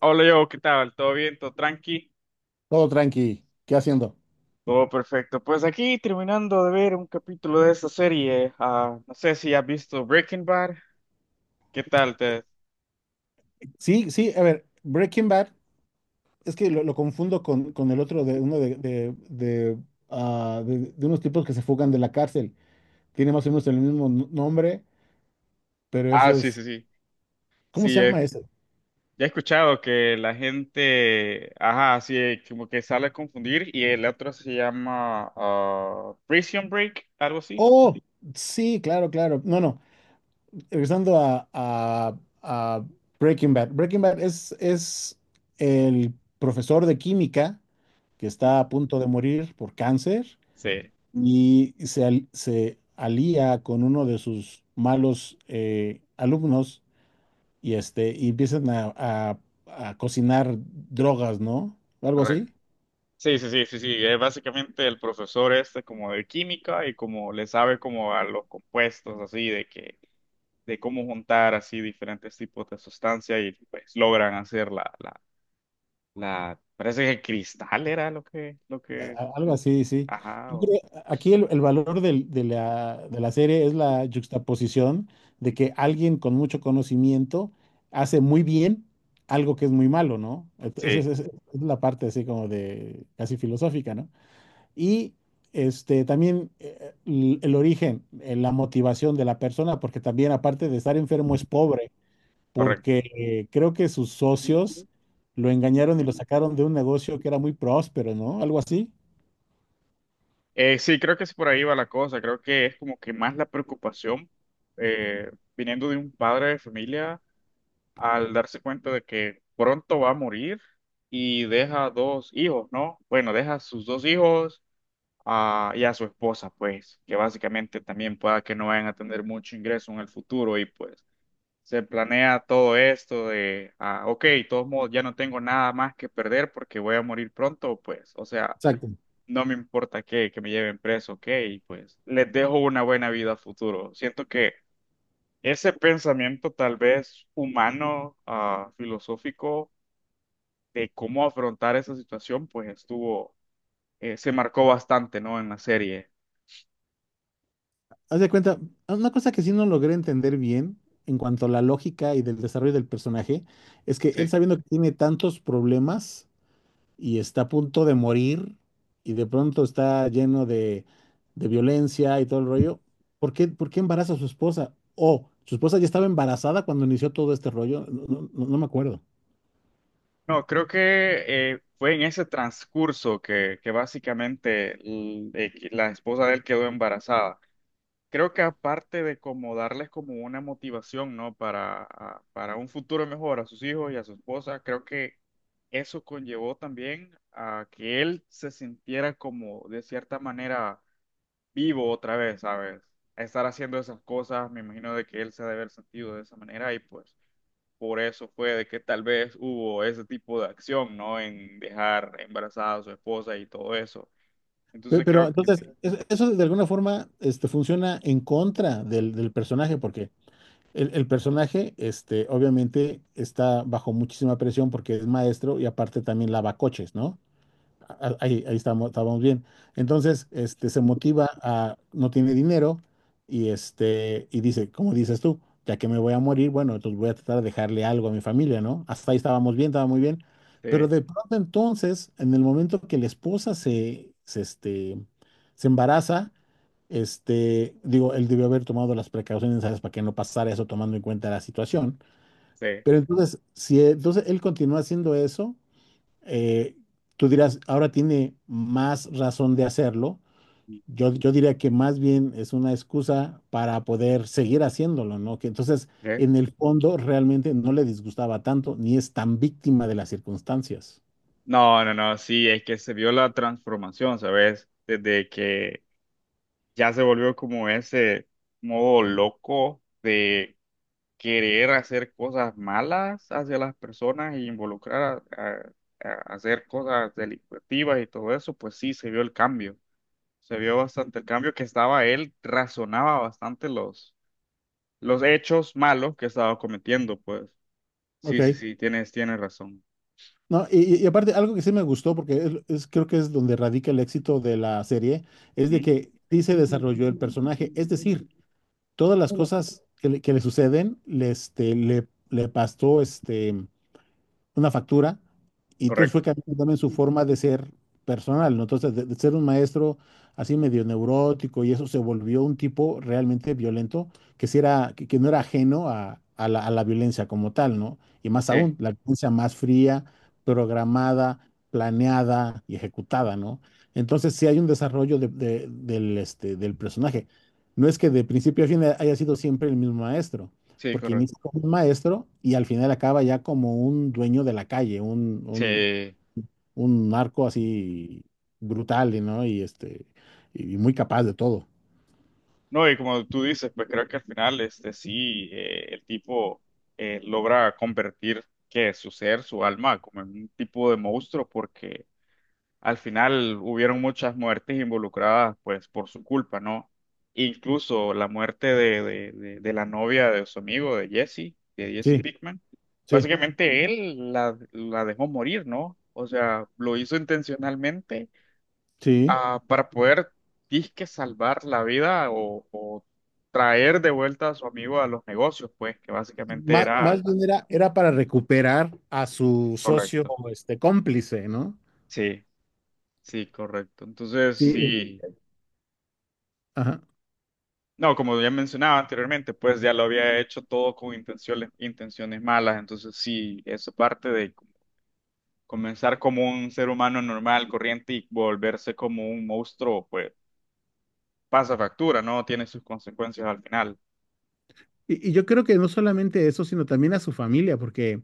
Hola yo, ¿qué tal? ¿Todo bien? ¿Todo tranqui? Todo tranqui. ¿Qué haciendo? Todo perfecto. Pues aquí terminando de ver un capítulo de esta serie. No sé si has visto Breaking Bad. ¿Qué tal? Te... Sí, sí, a ver, Breaking Bad, es que lo confundo con el otro de unos tipos que se fugan de la cárcel. Tiene más o menos el mismo nombre, pero ese Ah, sí, sí, es. sí. ¿Cómo Sí, se llama he, ese? ya he escuchado que la gente, ajá, sí, como que sale a confundir y el otro se llama Prison Break, algo así. Oh, sí, claro, claro. No, no. Regresando a Breaking Bad. Breaking Bad es el profesor de química que ¿Mm? está a punto de morir por cáncer Sí, y se alía con uno de sus malos alumnos y, este, y empiezan a cocinar drogas, ¿no? Algo correcto. así. Sí, sí, sí, sí, sí. Es básicamente el profesor este como de química y como le sabe como a los compuestos así de que de cómo juntar así diferentes tipos de sustancias y pues logran hacer la parece que cristal era lo que, Algo así, sí. ajá, Yo o- creo- Aquí el valor de la serie es la juxtaposición de que alguien con mucho conocimiento hace muy bien algo que es muy malo, ¿no? Esa sí, es la parte así como de casi filosófica, ¿no? Y este, también el origen, la motivación de la persona, porque también aparte de estar enfermo es pobre, correcto. porque creo que sus socios lo engañaron y lo sacaron de un negocio que era muy próspero, ¿no? Algo así. Sí, creo que es por ahí va la cosa, creo que es como que más la preocupación eh, viniendo de un padre de familia al darse cuenta de que pronto va a morir y deja dos hijos, ¿no? Bueno, deja sus dos hijos a- y a su esposa, pues, que básicamente también pueda que no vayan a tener mucho ingreso en el futuro y pues se planea todo esto de, ok, de todos modos ya no tengo nada más que perder porque voy a morir pronto, pues, o sea, Exacto. no me importa que me lleven preso, ok, y pues les dejo una buena vida a futuro. Siento que ese pensamiento tal vez humano, filosófico, de cómo afrontar esa situación, pues estuvo, se marcó bastante, ¿no? En la serie. Haz de cuenta, una cosa que sí no logré entender bien en cuanto a la lógica y del desarrollo del personaje, es que él Sí. sabiendo que tiene tantos problemas, y está a punto de morir y de pronto está lleno de violencia y todo el rollo, ¿ por qué embaraza a su esposa? ¿O su esposa ya estaba embarazada cuando inició todo este rollo? No me acuerdo. No, creo que fue en ese transcurso que básicamente l- que la esposa de él quedó embarazada. Creo que aparte de como darles como una motivación, ¿no? Para, a- para un futuro mejor a sus hijos y a su esposa, creo que eso conllevó también a que él se sintiera como de cierta manera vivo otra vez, ¿sabes? A estar haciendo esas cosas, me imagino de que él se ha de haber sentido de esa manera y pues por eso fue de que tal vez hubo ese tipo de acción, ¿no? En dejar embarazada a su esposa y todo eso. Entonces Pero creo que sí, entonces, eso de alguna forma este, funciona en contra del personaje, porque el personaje este, obviamente está bajo muchísima presión porque es maestro y aparte también lava coches, ¿no? Ah, ahí, estábamos bien. Entonces, este, se motiva a, no tiene dinero y, este, y dice, como dices tú, ya que me voy a morir, bueno, entonces voy a tratar de dejarle algo a mi familia, ¿no? Hasta ahí estábamos bien, estaba muy bien. Pero sí, de pronto entonces, en el momento que la esposa este, se embaraza, este, digo, él debió haber tomado las precauciones necesarias para que no pasara eso tomando en cuenta la situación. sí. Pero entonces, si e- entonces él continúa haciendo eso, eh, tú dirás, ahora tiene más razón de hacerlo. Yo diría que más bien es una excusa para poder seguir haciéndolo, ¿no? Que entonces, ¿Eh? en el fondo, realmente no le disgustaba tanto, ni es tan víctima de las circunstancias. No, no, no, sí, es que se vio la transformación, ¿sabes? Desde que ya se volvió como ese modo loco de querer hacer cosas malas hacia las personas y involucrar a hacer cosas delictivas y todo eso, pues sí, se vio el cambio. Se vio bastante el cambio que estaba él, razonaba bastante los hechos malos que estaba cometiendo, pues. Ok. Sí, sí, sí, tienes razón. No, y aparte, algo que sí me gustó, porque creo que es donde radica el éxito de la serie, es de ¿Mm? que sí se desarrolló el personaje. Es decir, todas las cosas que le suceden, le pasó este, una factura, y entonces fue Correcto. cambiando también su forma de ser personal, ¿no? Entonces, de ser un maestro así medio neurótico y eso se volvió un tipo realmente violento, que no era ajeno a a la violencia como tal, ¿no? Y más aún, Sí, la violencia más fría, programada, planeada y ejecutada, ¿no? Entonces, sí hay un desarrollo del personaje. No es que de principio a fin haya sido siempre el mismo maestro sí, porque correcto. inicia como un maestro y al final acaba ya como un dueño de la calle, Sí. un narco así brutal, y ¿no? Y este, y muy capaz de todo. No, y como tú dices, pues creo que al final, este, sí, el tipo logra convertir que su ser, su alma, como en un tipo de monstruo, porque al final hubieron muchas muertes involucradas, pues, por su culpa, ¿no? Incluso la muerte de la novia de su amigo, de Jesse Sí, Pickman. sí, Básicamente él la dejó morir, ¿no? O sea, lo hizo intencionalmente sí. Para poder, disque, salvar la vida o traer de vuelta a su amigo a los negocios, pues, que básicamente era Más bien era, era para recuperar a su socio, correcto. este, cómplice, ¿no? Sí, sí, correcto. Entonces, Sí, sí. ajá. No, como ya mencionaba anteriormente, pues ya lo había hecho todo con intenciones, intenciones malas. Entonces, sí, eso parte de comenzar como un ser humano normal, corriente y volverse como un monstruo, pues pasa factura, ¿no? Tiene sus consecuencias al final. Y yo creo que no solamente eso, sino también a su familia, porque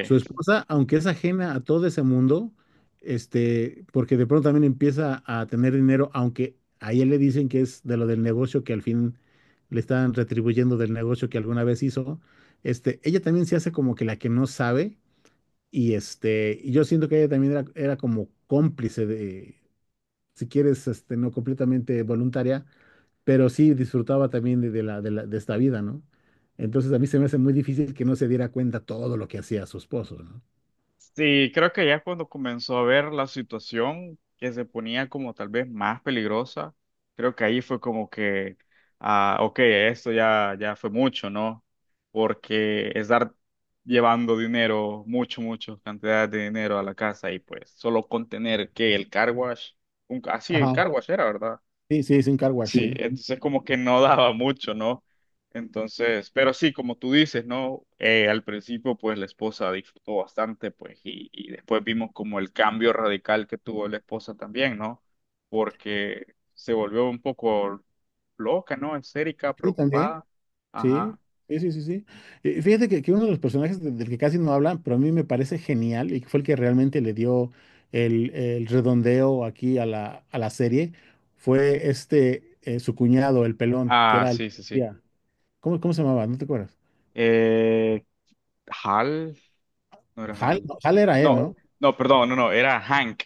su esposa, aunque es ajena a todo ese mundo, este, porque de pronto también empieza a tener dinero, aunque a ella le dicen que es de lo del negocio que al fin le están retribuyendo del negocio que alguna vez hizo, este, ella también se hace como que la que no sabe, y este, y yo siento que ella también era, era como cómplice de, si quieres, este, no completamente voluntaria, pero sí disfrutaba también de esta vida, ¿no? Entonces a mí se me hace muy difícil que no se diera cuenta todo lo que hacía su esposo, ¿no? Sí, creo que ya cuando comenzó a ver la situación que se ponía como tal vez más peligrosa, creo que ahí fue como que, ok, esto ya, ya fue mucho, ¿no? Porque estar llevando dinero, mucho, mucho, cantidad de dinero a la casa y pues solo contener que el car wash, un, así el Ajá, car wash era, ¿verdad? sí, sí, es un car wash, Sí, sí. entonces como que no daba mucho, ¿no? Entonces, pero sí, como tú dices, ¿no? Al principio, pues la esposa disfrutó bastante, pues, y después vimos como el cambio radical que tuvo la esposa también, ¿no? Porque se volvió un poco loca, ¿no? Esérica, Sí, también, preocupada. sí, Ajá. sí, sí, sí, sí. Fíjate que uno de los personajes del que casi no hablan, pero a mí me parece genial y que fue el que realmente le dio el redondeo aquí a la serie, fue este, su cuñado, el pelón, que Ah, era el sí, sí, sí. policía. ¿Cómo, cómo se llamaba? ¿No te acuerdas? Eh, Hal, no era Hal, Hal. no, Hal era él, ¿no? No, no, perdón, no, no, era Hank.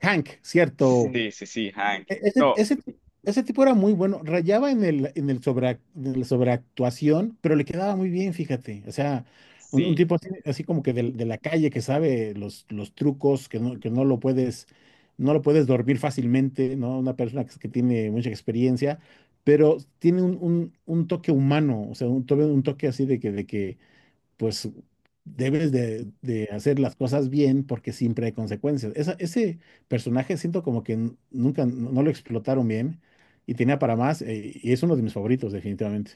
Hank, cierto. Sí, sí, sí, Hank. Ese, No, ese, ese tipo era muy bueno, rayaba en el sobre en la sobreactuación, pero le quedaba muy bien, fíjate. O sea, un sí. tipo así, así como que de la calle que sabe los trucos, que no lo puedes, no lo puedes dormir fácilmente, ¿no? Una persona que tiene mucha experiencia, pero tiene un toque humano, o sea, un toque así de que pues debes de hacer las cosas bien porque siempre hay consecuencias. Ese personaje siento como que n- nunca no, no lo explotaron bien y tenía para más, y es uno de mis favoritos definitivamente.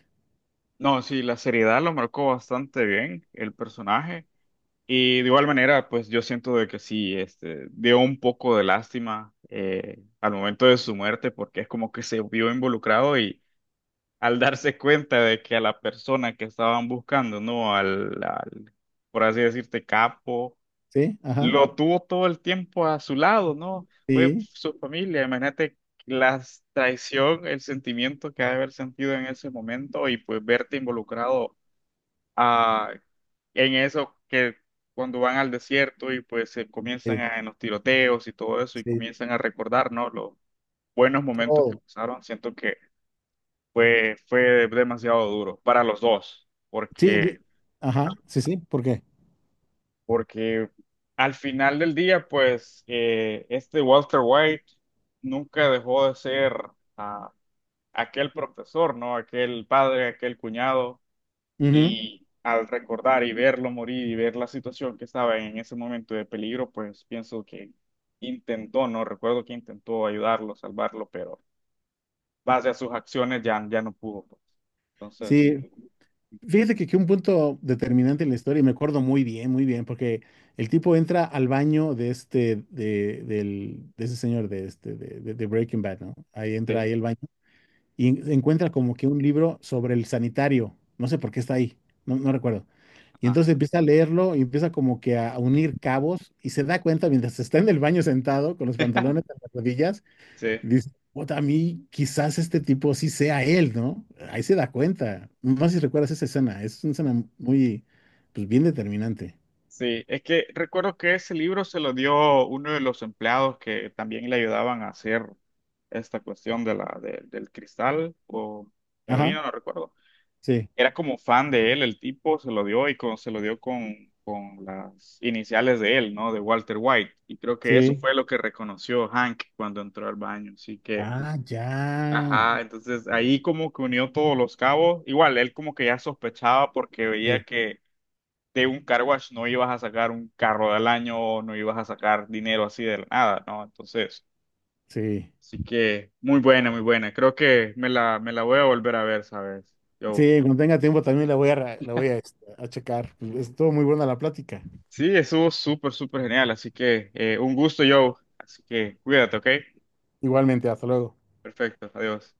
No, sí, la seriedad lo marcó bastante bien el personaje y de igual manera, pues yo siento de que sí, este, dio un poco de lástima al momento de su muerte porque es como que se vio involucrado y al darse cuenta de que a la persona que estaban buscando, ¿no? Al, al, por así decirte, capo, Sí, ajá, lo tuvo todo el tiempo a su lado, ¿no? Fue sí, su familia, imagínate la traición, el sentimiento que ha de haber sentido en ese momento y pues verte involucrado ah, en eso que cuando van al desierto y pues se comienzan sí, a, en los tiroteos y todo eso y sí, comienzan a recordar, ¿no? Los buenos momentos que todo. pasaron, siento que fue demasiado duro para los dos, Sí, porque, ajá, sí, sí, ¿por qué? porque al final del día, pues este Walter White nunca dejó de ser ah, aquel profesor, ¿no? Aquel padre, aquel cuñado. Ujú. Y al recordar y verlo morir y ver la situación que estaba en ese momento de peligro, pues pienso que intentó, no recuerdo que intentó ayudarlo, salvarlo, pero base a sus acciones ya no pudo pues. Entonces, Sí, fíjate que un punto determinante en la historia, y me acuerdo muy bien, porque el tipo entra al baño de ese señor, de este, de Breaking Bad, ¿no? Ahí entra sí, ahí el baño. Y encuentra como que un libro sobre el sanitario, no sé por qué está ahí, no recuerdo. Y ajá, entonces empieza a leerlo y empieza como que a unir cabos y se da cuenta mientras está en el baño sentado con los pantalones en las rodillas, sí. dice, "Puta, a mí quizás este tipo sí sea él, ¿no?" Ahí se da cuenta. No sé si recuerdas esa escena, es una escena muy, pues bien determinante. Sí, es que recuerdo que ese libro se lo dio uno de los empleados que también le ayudaban a hacer esta cuestión de la, de- del cristal o Ajá, heroína, no recuerdo. sí, Era como fan de él, el tipo se lo dio y con- se lo dio con las iniciales de él, ¿no? De Walter White. Y creo que eso sí. fue lo que reconoció Hank cuando entró al baño. Así que, Ah, ya. ajá, entonces Sí, ahí como que unió todos los cabos. Igual, él como que ya sospechaba porque sí, veía que de un car wash no ibas a sacar un carro del año, no ibas a sacar dinero así de la nada, ¿no? Entonces, sí. así que muy buena, muy buena. Creo que me la voy a volver a ver, ¿sabes? Yo. Sí, cuando tenga tiempo también la voy a, la voy a, este, a checar. Estuvo muy buena la plática. Sí, estuvo súper, súper genial. Así que un gusto, Joe. Así que cuídate, ¿ok? Igualmente, hasta luego. Perfecto, adiós.